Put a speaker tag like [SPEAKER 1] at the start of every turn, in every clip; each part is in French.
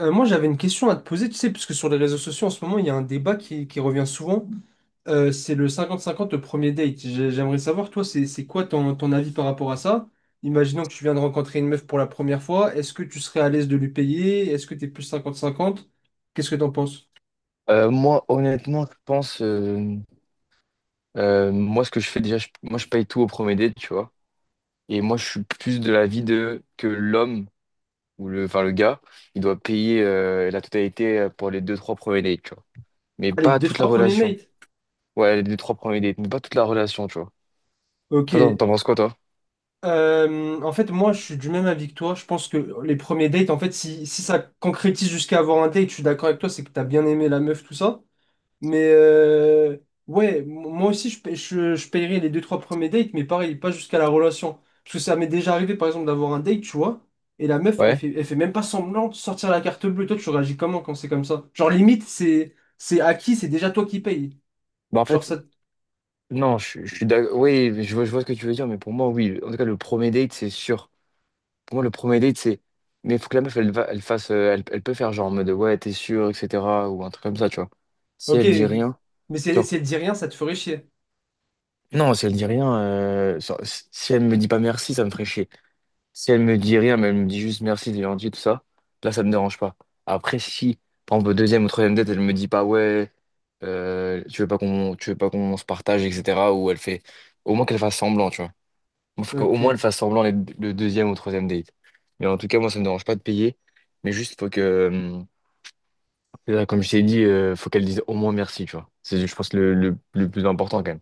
[SPEAKER 1] Moi, j'avais une question à te poser, tu sais, parce que sur les réseaux sociaux, en ce moment, il y a un débat qui revient souvent. C'est le 50-50, le premier date. J'aimerais savoir, toi, c'est quoi ton avis par rapport à ça? Imaginons que tu viens de rencontrer une meuf pour la première fois. Est-ce que tu serais à l'aise de lui payer? Est-ce que t'es plus 50-50? Qu'est-ce que t'en penses?
[SPEAKER 2] Moi, honnêtement, je pense, moi, ce que je fais déjà, moi, je paye tout au premier date, tu vois. Et moi, je suis plus de l'avis de que l'homme ou le, enfin, le gars, il doit payer la totalité pour les deux, trois premiers dates, tu vois. Mais
[SPEAKER 1] Allez,
[SPEAKER 2] pas
[SPEAKER 1] deux,
[SPEAKER 2] toute la
[SPEAKER 1] trois premiers
[SPEAKER 2] relation.
[SPEAKER 1] mates.
[SPEAKER 2] Ouais, les deux, trois premiers dates, mais pas toute la relation, tu vois.
[SPEAKER 1] Ok.
[SPEAKER 2] Toi, t'en penses quoi, toi?
[SPEAKER 1] En fait, moi, je suis du même avis que toi. Je pense que les premiers dates, en fait, si ça concrétise jusqu'à avoir un date, je suis d'accord avec toi, c'est que t'as bien aimé la meuf, tout ça. Mais ouais, moi aussi, je paierais les deux, trois premiers dates, mais pareil, pas jusqu'à la relation. Parce que ça m'est déjà arrivé, par exemple, d'avoir un date, tu vois, et la meuf, elle
[SPEAKER 2] Ouais.
[SPEAKER 1] fait, elle fait même pas semblant de sortir la carte bleue. Toi, tu réagis comment quand c'est comme ça? Genre, limite, c'est acquis, c'est déjà toi qui payes.
[SPEAKER 2] Bah, en
[SPEAKER 1] Genre,
[SPEAKER 2] fait,
[SPEAKER 1] ça.
[SPEAKER 2] non, je suis d'accord. Oui, je vois ce que tu veux dire, mais pour moi, oui. En tout cas, le premier date, c'est sûr. Pour moi, le premier date, c'est. Mais il faut que la meuf, elle fasse. Elle peut faire genre en mode ouais, t'es sûr, etc. Ou un truc comme ça, tu vois. Si
[SPEAKER 1] Ok,
[SPEAKER 2] elle dit rien.
[SPEAKER 1] mais si elle,
[SPEAKER 2] Genre,
[SPEAKER 1] si elle dit rien, ça te ferait chier.
[SPEAKER 2] non, si elle dit rien. Genre, si elle me dit pas merci, ça me ferait chier. Si elle me dit rien, mais elle me dit juste merci, t'es gentil, tout ça, là, ça me dérange pas. Après, si, par exemple, au deuxième ou troisième date, elle me dit pas ouais, tu veux pas qu'on se partage, etc. Ou elle fait. Au moins qu'elle fasse semblant, tu vois. Bon, faut qu'au moins elle
[SPEAKER 1] Ok.
[SPEAKER 2] fasse semblant le deuxième ou troisième date. Mais en tout cas, moi, ça me dérange pas de payer. Mais juste, faut que, là, comme je t'ai dit, faut qu'elle dise au moins merci, tu vois. C'est, je pense, le plus important quand même.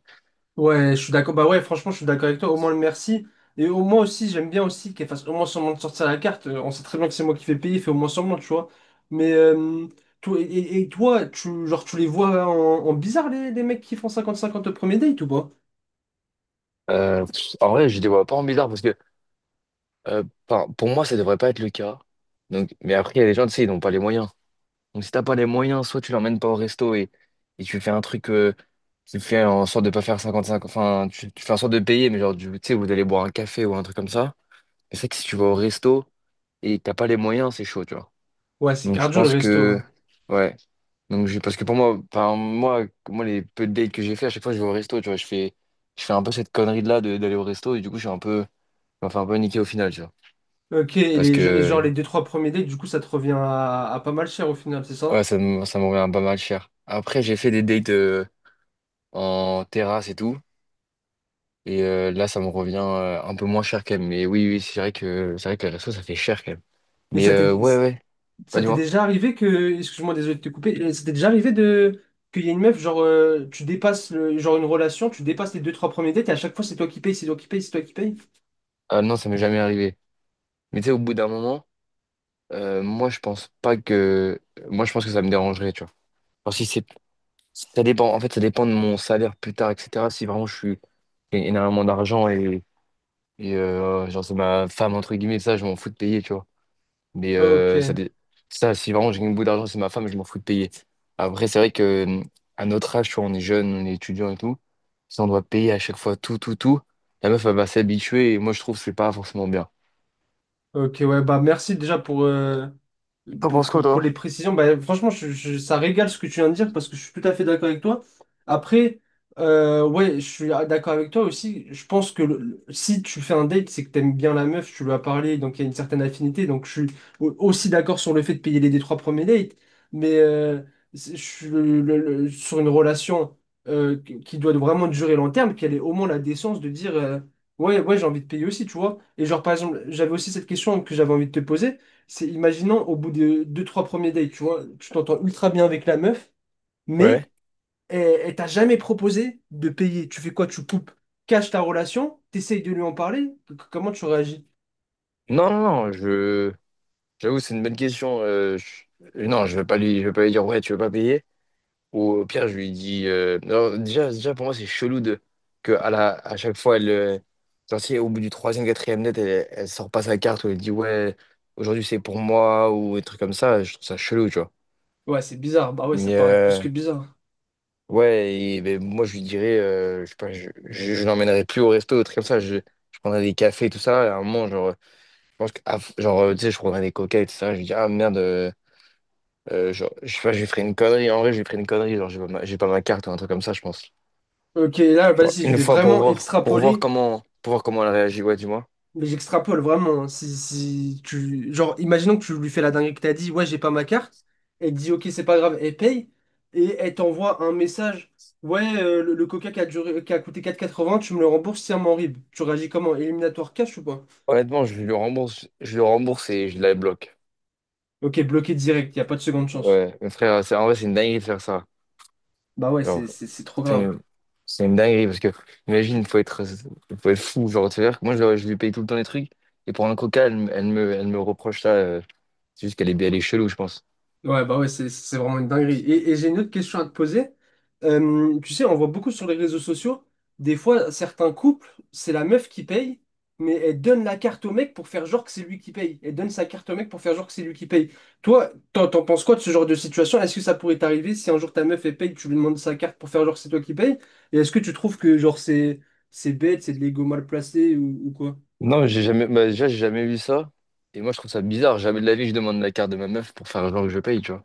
[SPEAKER 1] Ouais, je suis d'accord. Bah ouais, franchement, je suis d'accord avec toi. Au moins le merci. Et au moins aussi, j'aime bien aussi qu'elle fasse au moins semblant de sortir la carte. On sait très bien que c'est moi qui fais payer, fait au moins semblant, tu vois. Mais toi, et toi, genre, tu les vois en bizarre, les mecs qui font 50-50 au premier date ou pas?
[SPEAKER 2] En vrai, je les vois pas en bizarre parce que, euh, enfin, pour moi, ça devrait pas être le cas. Donc, mais après, il y a des gens, tu sais, ils n'ont pas les moyens. Donc, si t'as pas les moyens, soit tu l'emmènes pas au resto et tu fais un truc, tu fais en sorte de pas faire 55, enfin, tu fais en sorte de payer, mais genre, tu sais, vous allez boire un café ou un truc comme ça. C'est vrai que si tu vas au resto et que t'as pas les moyens, c'est chaud, tu vois.
[SPEAKER 1] Ouais, c'est
[SPEAKER 2] Donc je
[SPEAKER 1] cardio le
[SPEAKER 2] pense
[SPEAKER 1] resto,
[SPEAKER 2] que
[SPEAKER 1] hein.
[SPEAKER 2] ouais. Donc j'ai parce que pour moi, enfin moi les peu de dates que j'ai fait, à chaque fois je vais au resto, tu vois, je fais un peu cette connerie de là d'aller au resto et du coup je me fais un peu niquer au final, tu vois.
[SPEAKER 1] Ok,
[SPEAKER 2] Parce
[SPEAKER 1] et genre
[SPEAKER 2] que
[SPEAKER 1] les deux trois premiers dates, du coup, ça te revient à pas mal cher au final, c'est
[SPEAKER 2] ouais,
[SPEAKER 1] ça?
[SPEAKER 2] ça me revient pas mal cher. Après, j'ai fait des dates en terrasse et tout et là ça me revient un peu moins cher quand même. Mais oui oui, c'est vrai que les restos ça fait cher quand même.
[SPEAKER 1] Et
[SPEAKER 2] Mais
[SPEAKER 1] ça t'est...
[SPEAKER 2] ouais ouais, bah
[SPEAKER 1] Ça t'est
[SPEAKER 2] dis-moi.
[SPEAKER 1] déjà arrivé que, excuse-moi, désolé de te couper, ça t'est déjà arrivé de qu'il y ait une meuf, genre, tu dépasses le, genre une relation, tu dépasses les deux, trois premiers dates et à chaque fois c'est toi qui paye, c'est toi qui paye, c'est toi qui paye?
[SPEAKER 2] Ah non, ça m'est jamais arrivé. Mais tu sais, au bout d'un moment. Moi, je pense pas que. Moi, je pense que ça me dérangerait, tu vois. Enfin, si c'est. Ça dépend. En fait, ça dépend de mon salaire plus tard, etc. Si vraiment je suis. J'ai énormément d'argent et, genre, c'est ma femme, entre guillemets, ça, je m'en fous de payer, tu vois. Mais
[SPEAKER 1] Ok,
[SPEAKER 2] ça, si vraiment j'ai une bout d'argent, c'est ma femme, je m'en fous de payer. Après, c'est vrai que. À notre âge, tu vois, on est jeune, on est étudiant et tout. Si on doit payer à chaque fois tout, tout, tout, la meuf, elle va s'habituer et moi, je trouve que c'est pas forcément bien.
[SPEAKER 1] ok, ouais, bah merci déjà pour, euh,
[SPEAKER 2] T'en
[SPEAKER 1] Pour,
[SPEAKER 2] penses quoi,
[SPEAKER 1] pour, pour les
[SPEAKER 2] toi?
[SPEAKER 1] précisions. Bah, franchement, ça régale ce que tu viens de dire parce que je suis tout à fait d'accord avec toi. Après, ouais, je suis d'accord avec toi aussi. Je pense que si tu fais un date, c'est que t'aimes bien la meuf, tu lui as parlé, donc il y a une certaine affinité. Donc je suis aussi d'accord sur le fait de payer les trois premiers dates, mais je suis sur une relation qui doit vraiment durer long terme, qu'elle ait au moins la décence de dire ouais, ouais, j'ai envie de payer aussi, tu vois. Et genre, par exemple, j'avais aussi cette question que j'avais envie de te poser. C'est, imaginons, au bout de deux, trois premiers dates, tu vois, tu t'entends ultra bien avec la meuf,
[SPEAKER 2] Ouais.
[SPEAKER 1] mais elle, elle t'a jamais proposé de payer. Tu fais quoi? Tu coupes, caches ta relation, t'essayes de lui en parler. Comment tu réagis?
[SPEAKER 2] Non, non, non, je. J'avoue, c'est une bonne question. Non, je vais pas lui dire ouais, tu veux pas payer. Ou au pire, je lui dis, non, déjà, déjà, pour moi, c'est chelou de que à chaque fois, elle, genre, si au bout du troisième, quatrième net, elle sort pas sa carte ou elle dit ouais, aujourd'hui c'est pour moi ou des trucs comme ça. Je trouve ça chelou, tu vois.
[SPEAKER 1] Ouais, c'est bizarre. Bah ouais, ça
[SPEAKER 2] Mais
[SPEAKER 1] paraît plus que bizarre.
[SPEAKER 2] ouais, et, ben, moi, je lui dirais, je sais pas, je l'emmènerais plus au resto, des trucs comme ça. Je prendrais des cafés, tout ça. Et à un moment, genre, je pense que, ah, genre, tu sais, je prendrais des coca et tout ça. Je lui dis ah merde. Genre, je sais pas, j'ai pris une connerie. En vrai, j'ai pris une connerie. Genre, j'ai pas ma carte ou un truc comme ça, je pense.
[SPEAKER 1] Ok, là,
[SPEAKER 2] Genre,
[SPEAKER 1] vas-y, je
[SPEAKER 2] une
[SPEAKER 1] vais
[SPEAKER 2] fois pour
[SPEAKER 1] vraiment
[SPEAKER 2] voir, pour voir
[SPEAKER 1] extrapoler.
[SPEAKER 2] comment, pour voir comment elle réagit. Ouais, dis-moi.
[SPEAKER 1] Mais j'extrapole vraiment, hein. Si tu... Genre, imaginons que tu lui fais la dinguerie que t'as dit, ouais, j'ai pas ma carte. Elle te dit, ok, c'est pas grave, elle paye. Et elle t'envoie un message, ouais, le coca qui a coûté 4,80, tu me le rembourses, c'est un rib. Tu réagis comment? Éliminatoire cash ou pas?
[SPEAKER 2] Honnêtement, je lui rembourse et je la bloque.
[SPEAKER 1] Ok, bloqué direct, y a pas de seconde chance.
[SPEAKER 2] Ouais, mais frère, c'est, en vrai, c'est une dinguerie de faire ça.
[SPEAKER 1] Bah ouais,
[SPEAKER 2] Genre,
[SPEAKER 1] c'est trop
[SPEAKER 2] c'est
[SPEAKER 1] grave.
[SPEAKER 2] une, c'est une dinguerie parce que, imagine, faut être fou. Genre, tu veux dire que moi, je lui paye tout le temps les trucs et pour un coca, elle me reproche ça. C'est juste qu'elle est chelou, je pense.
[SPEAKER 1] Ouais, bah ouais, c'est vraiment une dinguerie. Et j'ai une autre question à te poser. Tu sais, on voit beaucoup sur les réseaux sociaux, des fois, certains couples, c'est la meuf qui paye, mais elle donne la carte au mec pour faire genre que c'est lui qui paye. Elle donne sa carte au mec pour faire genre que c'est lui qui paye. Toi, t'en penses quoi de ce genre de situation? Est-ce que ça pourrait t'arriver si un jour ta meuf, elle paye, tu lui demandes sa carte pour faire genre que c'est toi qui paye? Et est-ce que tu trouves que genre c'est bête, c'est de l'ego mal placé ou quoi?
[SPEAKER 2] Non, mais j'ai jamais, bah, déjà, j'ai jamais vu ça. Et moi, je trouve ça bizarre. Jamais de la vie, je demande la carte de ma meuf pour faire genre que je paye, tu vois.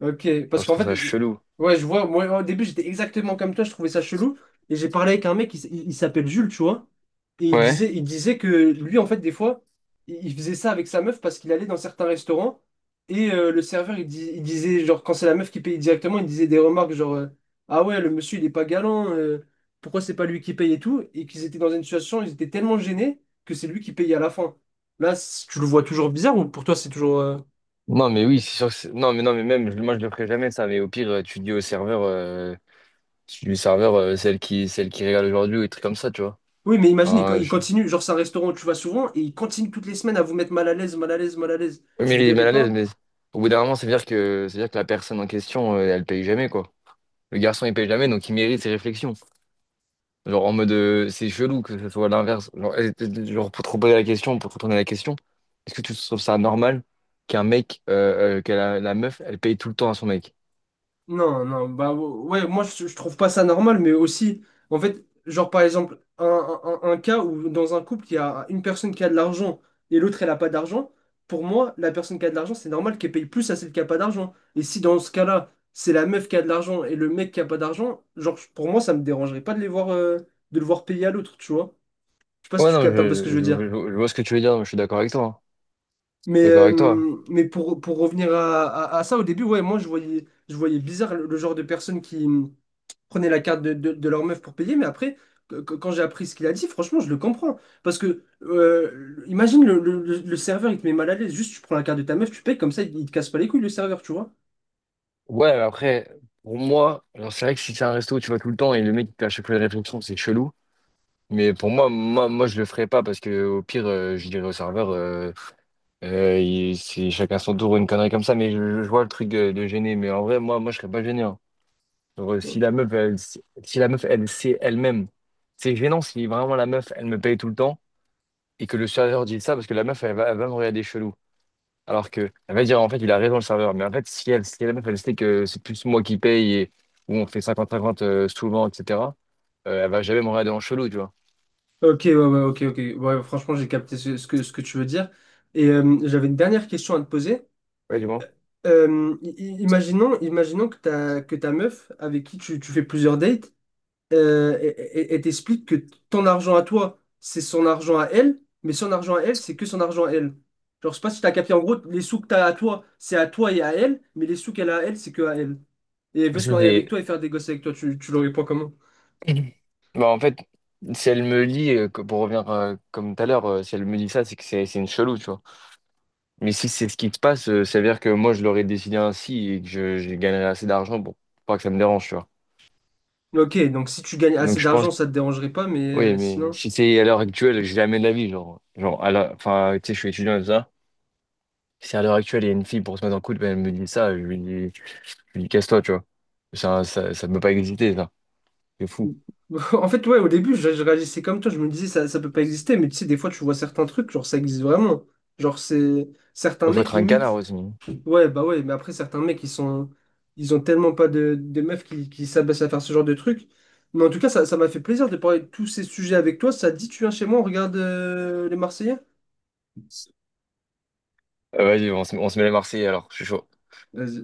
[SPEAKER 1] Ok,
[SPEAKER 2] Genre,
[SPEAKER 1] parce
[SPEAKER 2] je
[SPEAKER 1] qu'en
[SPEAKER 2] trouve
[SPEAKER 1] fait,
[SPEAKER 2] ça chelou.
[SPEAKER 1] ouais, je vois, moi au début j'étais exactement comme toi, je trouvais ça chelou, et j'ai parlé avec un mec, il s'appelle Jules, tu vois, et il
[SPEAKER 2] Ouais.
[SPEAKER 1] disait, il disait que lui, en fait, des fois, il faisait ça avec sa meuf parce qu'il allait dans certains restaurants, et le serveur, il disait, genre, quand c'est la meuf qui paye directement, il disait des remarques genre, ah ouais, le monsieur, il est pas galant, pourquoi c'est pas lui qui paye et tout, et qu'ils étaient dans une situation, ils étaient tellement gênés que c'est lui qui paye à la fin. Tu le vois toujours bizarre, ou pour toi, c'est toujours...
[SPEAKER 2] Non, mais oui, c'est sûr que non, mais non, mais même, moi, je le ferai jamais, ça. Mais au pire, tu dis au serveur, tu dis au serveur, celle qui régale aujourd'hui ou des trucs comme ça, tu vois.
[SPEAKER 1] Oui, mais imagine,
[SPEAKER 2] Enfin,
[SPEAKER 1] il
[SPEAKER 2] je...
[SPEAKER 1] continue, genre c'est un restaurant où tu vas souvent et il continue toutes les semaines à vous mettre mal à l'aise, mal à l'aise, mal à l'aise. Tu
[SPEAKER 2] Mais
[SPEAKER 1] te
[SPEAKER 2] il est
[SPEAKER 1] verrais
[SPEAKER 2] mal à l'aise,
[SPEAKER 1] pas?
[SPEAKER 2] mais au bout d'un moment, ça veut dire que la personne en question, elle paye jamais, quoi. Le garçon, il paye jamais, donc il mérite ses réflexions. Genre en mode c'est chelou que ce soit l'inverse. Genre, pour te reposer la question, pour te retourner la question, est-ce que tu trouves ça normal qu'un mec, que la meuf, elle paye tout le temps à son mec?
[SPEAKER 1] Non, non, bah ouais, ouais, moi je, trouve pas ça normal, mais aussi, en fait, genre par exemple, un cas où dans un couple, il y a une personne qui a de l'argent et l'autre elle a pas d'argent, pour moi, la personne qui a de l'argent, c'est normal qu'elle paye plus à celle qui a pas d'argent. Et si dans ce cas-là, c'est la meuf qui a de l'argent et le mec qui a pas d'argent, genre pour moi, ça me dérangerait pas de les voir, de le voir payer à l'autre, tu vois? Je sais pas si
[SPEAKER 2] Ouais,
[SPEAKER 1] tu
[SPEAKER 2] non,
[SPEAKER 1] captes un peu ce que je
[SPEAKER 2] je, je,
[SPEAKER 1] veux dire.
[SPEAKER 2] je- je vois ce que tu veux dire, mais je suis d'accord avec toi, hein. Je suis d'accord avec toi.
[SPEAKER 1] Mais pour revenir à ça, au début, ouais, moi, je voyais bizarre le genre de personnes qui prenaient la carte de leur meuf pour payer. Mais après, quand j'ai appris ce qu'il a dit, franchement, je le comprends. Parce que, imagine, le serveur, il te met mal à l'aise. Juste, tu prends la carte de ta meuf, tu payes, comme ça, il te casse pas les couilles, le serveur, tu vois.
[SPEAKER 2] Ouais, mais après, pour moi, genre, c'est vrai que si c'est un resto où tu vas tout le temps et le mec il te fait à chaque fois une réflexion, c'est chelou. Mais pour moi, je le ferais pas parce que au pire, je dirais au serveur, c'est chacun son tour, une connerie comme ça, mais je vois le truc de gêner. Mais en vrai, moi je serais pas gêné, hein. Genre, si la meuf, elle sait elle-même, c'est gênant si vraiment la meuf, elle me paye tout le temps et que le serveur dit ça parce que la meuf, elle va me regarder chelou. Alors que, elle va dire, en fait, il a raison le serveur. Mais en fait, si la meuf, elle sait que c'est plus moi qui paye et où on fait cinquante 50 souvent, etc., elle va jamais me regarder en chelou, tu vois.
[SPEAKER 1] Ok, ouais, ouais, ok, ok. Ouais, franchement, j'ai capté ce que tu veux dire. Et j'avais une dernière question à te poser.
[SPEAKER 2] Ouais, du moins.
[SPEAKER 1] Imaginons que que ta meuf, avec qui tu fais plusieurs dates, euh, et, et t'explique que ton argent à toi, c'est son argent à elle, mais son argent à elle, c'est que son argent à elle. Genre, je sais pas si t'as capté, en gros, les sous que t'as à toi, c'est à toi et à elle, mais les sous qu'elle a à elle, c'est que à elle. Et elle veut se
[SPEAKER 2] Ça,
[SPEAKER 1] marier avec
[SPEAKER 2] c'est.
[SPEAKER 1] toi et faire des gosses avec toi, tu l'aurais pas comment?
[SPEAKER 2] Bah, en fait, si elle me lit, pour revenir comme tout à l'heure, si elle me dit ça, c'est que c'est une chelou, tu vois. Mais si c'est ce qui se passe, ça veut dire que moi, je l'aurais décidé ainsi et que je gagnerais assez d'argent pour pas que ça me dérange, tu vois.
[SPEAKER 1] Ok, donc si tu gagnes
[SPEAKER 2] Donc,
[SPEAKER 1] assez
[SPEAKER 2] je pense
[SPEAKER 1] d'argent,
[SPEAKER 2] que,
[SPEAKER 1] ça te dérangerait pas, mais
[SPEAKER 2] oui, mais
[SPEAKER 1] sinon.
[SPEAKER 2] si c'est à l'heure actuelle, jamais de la vie, genre, enfin, tu sais, je suis étudiant et tout ça. Si à l'heure actuelle, il y a une fille pour se mettre en couple, ben elle me dit ça, je lui dis, casse-toi, tu vois. Ça peut pas exister, ça. C'est fou.
[SPEAKER 1] En fait, ouais, au début, je réagissais comme toi, je me disais ça, ça peut pas exister, mais tu sais, des fois, tu vois certains trucs, genre ça existe vraiment. Genre, c'est certains
[SPEAKER 2] Faut
[SPEAKER 1] mecs
[SPEAKER 2] être un canard
[SPEAKER 1] limite.
[SPEAKER 2] aussi.
[SPEAKER 1] Ouais, bah ouais, mais après, certains mecs, ils ont tellement pas de meufs qui s'abaissent à faire ce genre de truc. Mais en tout cas, ça m'a fait plaisir de parler de tous ces sujets avec toi. Ça te dit, tu viens chez moi, on regarde les Marseillais?
[SPEAKER 2] Vas-y, on se met les Marseillais alors, je suis chaud.
[SPEAKER 1] Vas-y.